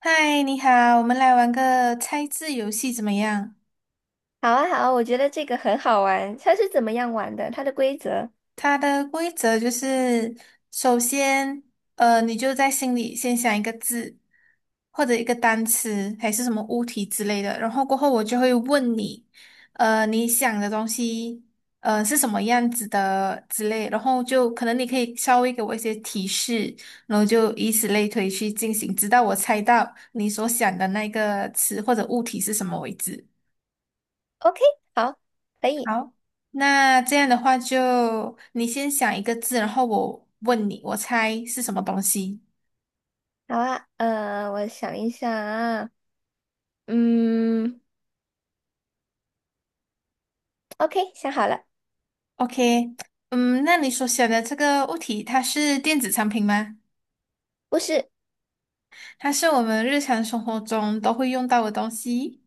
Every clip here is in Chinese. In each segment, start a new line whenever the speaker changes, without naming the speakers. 嗨，你好，我们来玩个猜字游戏怎么样？
好啊，好啊，我觉得这个很好玩。它是怎么样玩的？它的规则
它的规则就是，首先，你就在心里先想一个字，或者一个单词，还是什么物体之类的，然后过后我就会问你，你想的东西，是什么样子的之类，然后就可能你可以稍微给我一些提示，然后就以此类推去进行，直到我猜到你所想的那个词或者物体是什么为止。
？OK，好，可以，
好，那这样的话就你先想一个字，然后我问你，我猜是什么东西。
好啊。我想一下，啊，嗯，OK，想好了，
OK，嗯，那你所选的这个物体，它是电子产品吗？
不是，
它是我们日常生活中都会用到的东西。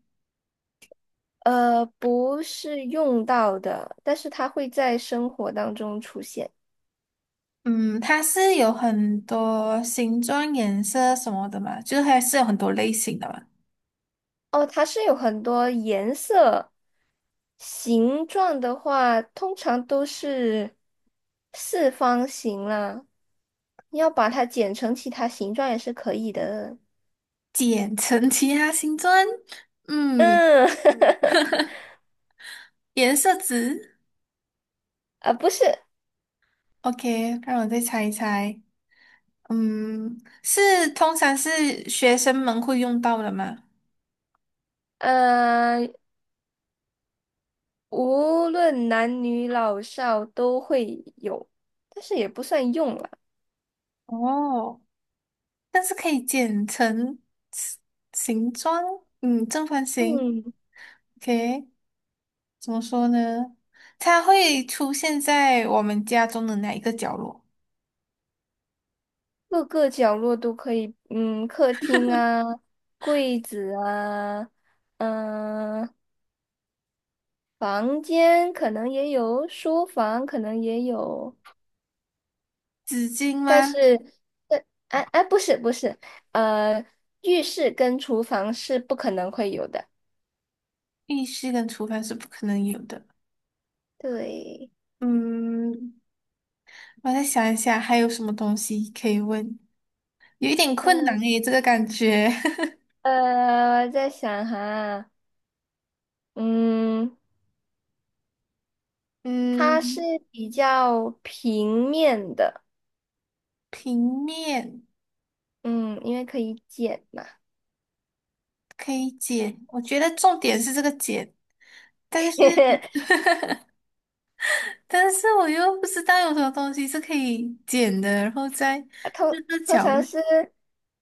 不是用到的，但是它会在生活当中出现。
嗯，它是有很多形状、颜色什么的嘛，就是还是有很多类型的嘛。
哦，它是有很多颜色、形状的话，通常都是四方形啦。你要把它剪成其他形状也是可以的。
简称其他形状，嗯，
嗯，
颜色值。
啊，不是，
OK，让我再猜一猜。嗯，是通常是学生们会用到的吗？
呃，无论男女老少都会有，但是也不算用了。
哦，但是可以剪成形形状，嗯，正方形。
嗯，
OK，怎么说呢？它会出现在我们家中的哪一个角落？
各个角落都可以，嗯，客厅啊，柜子啊，嗯、房间可能也有，书房可能也有，
纸巾
但
吗？
是，但，哎哎，不是不是，呃，浴室跟厨房是不可能会有的。
浴室跟厨房是不可能有的。
对，
嗯，我再想一想，还有什么东西可以问？有一点困难诶，这个感觉。
我在想哈，嗯，它是
嗯，
比较平面的，
平面。
嗯，因为可以剪嘛，
可以剪，我觉得重点是这个剪，但是 我又不知道有什么东西是可以剪的，然后在
通
那个
通
角
常
落
是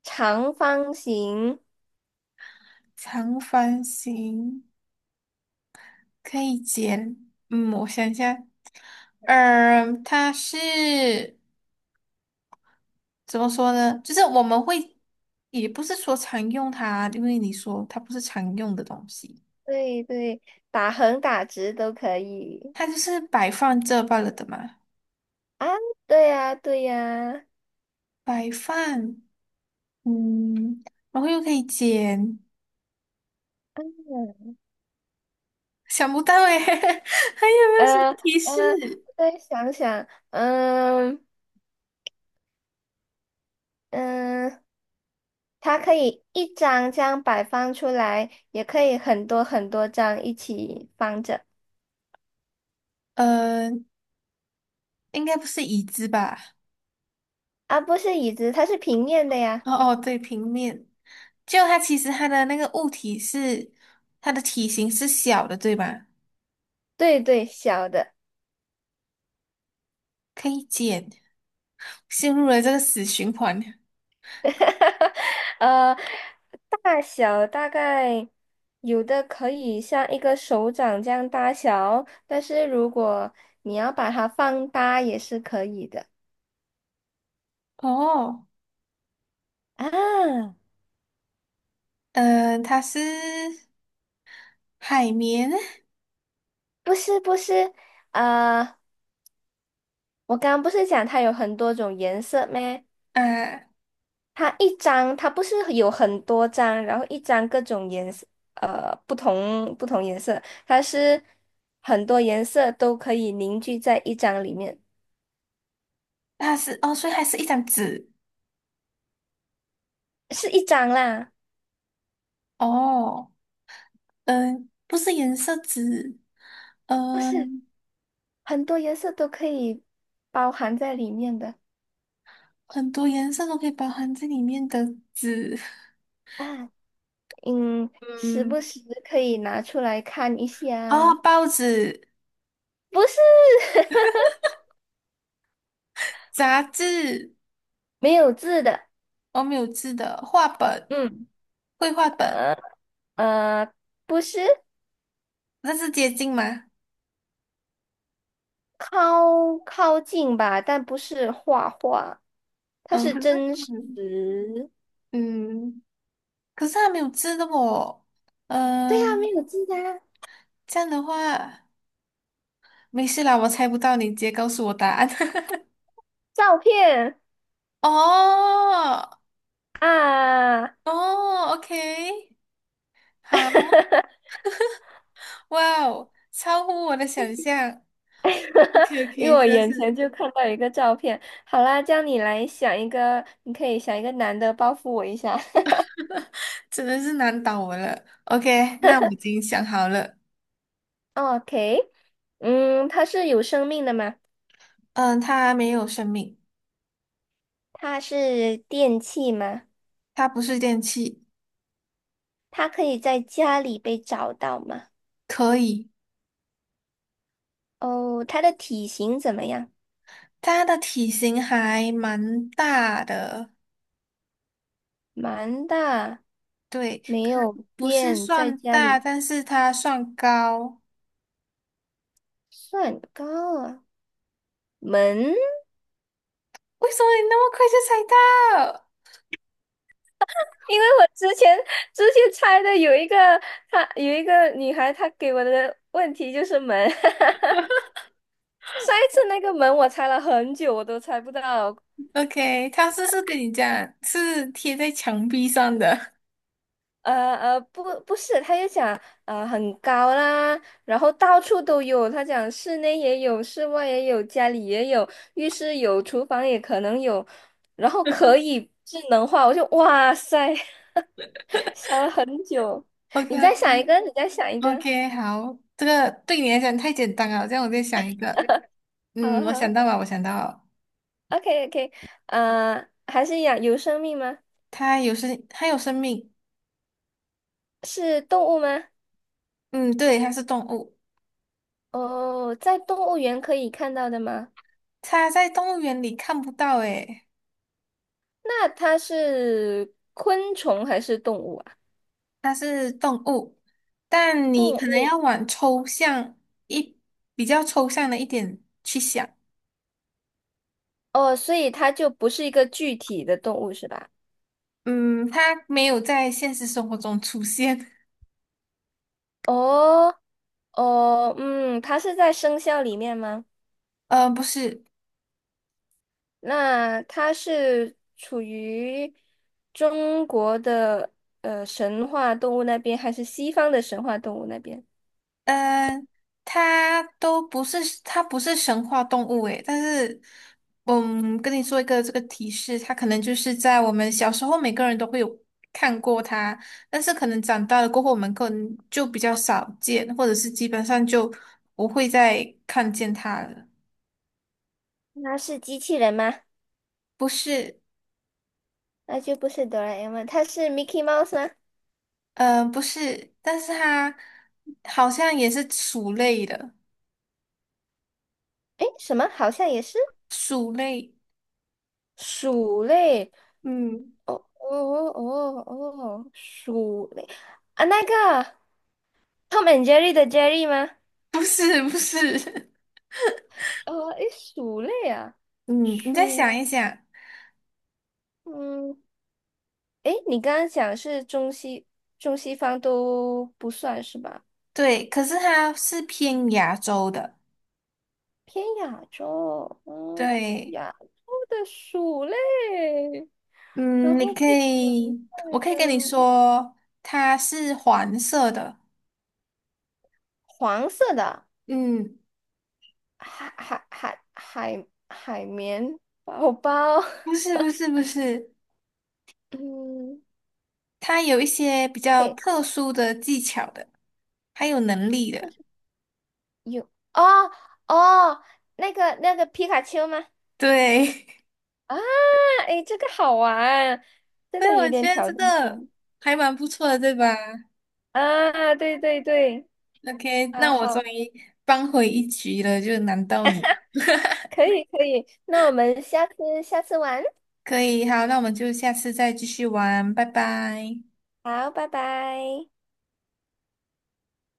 长方形，
长方形可以剪，嗯，我想一下，它是怎么说呢？就是我们会也不是说常用它，因为你说它不是常用的东西，
对对，打横打直都可以
它就是摆放这罢了的嘛，
啊，对呀对呀，
摆放，嗯，然后又可以剪。
嗯
想不到诶，还有没有什
呃
么提示？
呃，我再想想，嗯嗯，它可以一张这样摆放出来，也可以很多很多张一起放着。
呃，应该不是椅子吧？
啊，不是椅子，它是平面的呀。
哦哦，对，平面。就它其实它的那个物体是它的体型是小的，对吧？
对对，小的，
可以减，陷入了这个死循环。
呃，大小大概有的可以像一个手掌这样大小，但是如果你要把它放大也是可以的。
哦，
啊，
嗯、它是海绵
不是不是，呃，我刚刚不是讲它有很多种颜色吗？
啊，
它一张，它不是有很多张，然后一张各种颜色，不同颜色，它是很多颜色都可以凝聚在一张里面，
它是哦，所以它是一张纸
是一张啦，
哦，嗯、不是颜色纸，
不是
嗯、
很多颜色都可以包含在里面的
很多颜色都可以包含在里面的纸，
啊，嗯，时不
嗯。
时可以拿出来看一
哦，
下，
报纸、
不是
杂志，
没有字的，
我没有字的，画本、
嗯，
绘画本，
呃呃，不是。
那是接近吗？
靠近吧，但不是画画，它
嗯，
是
可是，
真实。
嗯，嗯可是它没有字的哦。
对呀、没
嗯，
有记啊，
这样的话，没事啦，我猜不到，你直接告诉我答案。
照片
哦，
啊，
哦，OK，好，哇哦，超乎我的想象。o k o
因
k
为我
真的
眼
是
前就看到一个照片。好啦，叫你来想一个，你可以想一个男的报复我一下。
难倒我了。OK，那我已经想好了。
OK，嗯，他是有生命的吗？
嗯，他没有生命。
他是电器吗？
它不是电器，
他可以在家里被找到吗？
可以。
哦，他的体型怎么样？
它的体型还蛮大的，
蛮大。
对，
没有
不是
变，在
算
家
大，
里
但是它算高。
算高啊。门，
为什么你那么快就猜到
因为我之前猜的有一个，她有一个女孩，她给我的问题就是门。上一次那个门我猜了很久，我都猜不到。
？OK，它是不是跟你讲是贴在墙壁上的
不是，她就讲很高啦，然后到处都有。她讲室内也有，室外也有，家里也有，浴室有，厨房也可能有，然后可以智能化。我就哇塞。想了很久，
o k
你
o
再
k
想一个，你再想一
o
个，
k 好，这个对你来讲太简单了，这样我再想一个。
好
嗯，我想
好
到了，我想到了
，OK OK，还是一样，有生命吗？
它有生，它有生命。
是动物吗？
嗯，对，它是动物。
哦，在动物园可以看到的吗？
它在动物园里看不到，诶。
那它是昆虫还是动物啊？
它是动物，但你
动
可能
物，
要往抽象一比较抽象的一点去想。
哦，所以它就不是一个具体的动物是吧？
嗯，它没有在现实生活中出现。
哦哦，嗯，它是在生肖里面吗？
不是，
那它是处于中国的神话动物那边，还是西方的神话动物那边？
呃，它都不是，它不是神话动物诶。但是，嗯，跟你说一个这个提示，它可能就是在我们小时候每个人都会有看过它，但是可能长大了过后，我们可能就比较少见，或者是基本上就不会再看见它了。
那是机器人吗？
不是，
那就不是哆啦 A 梦，它是 Mickey Mouse 吗？
嗯，不是，但是它好像也是鼠类的，
诶，什么？好像也是
鼠类，
鼠类。
嗯，
哦哦哦哦，哦，鼠类啊，那个 Tom and Jerry 的 Jerry 吗？
不是，不是，
诶，鼠类啊，
嗯，你再
鼠，
想一想，
嗯。诶，你刚刚讲是中西方都不算是吧？
对，可是它是偏亚洲的，
偏亚洲，嗯，
对，
亚洲的鼠类，然
嗯，你
后
可
不存
以，
在
我可以跟你
的
说，它是黄色的，
黄色的
嗯，
海绵宝宝，
不是，不是，不是，
嗯，
它有一些比较
对，
特殊的技巧的，还有能力的，
有哦哦，那个皮卡丘吗？
对。
啊，诶，这个好玩，真
对，
的有
我
点
觉得
挑
这
战
个
性
还蛮不错的，对吧
啊！对对对。
？OK，
啊，
那我终
好，
于扳回一局了，就难到你。
可以可以，那我们下次玩，
可以，好，那我们就下次再继续玩，拜拜。
好，拜拜。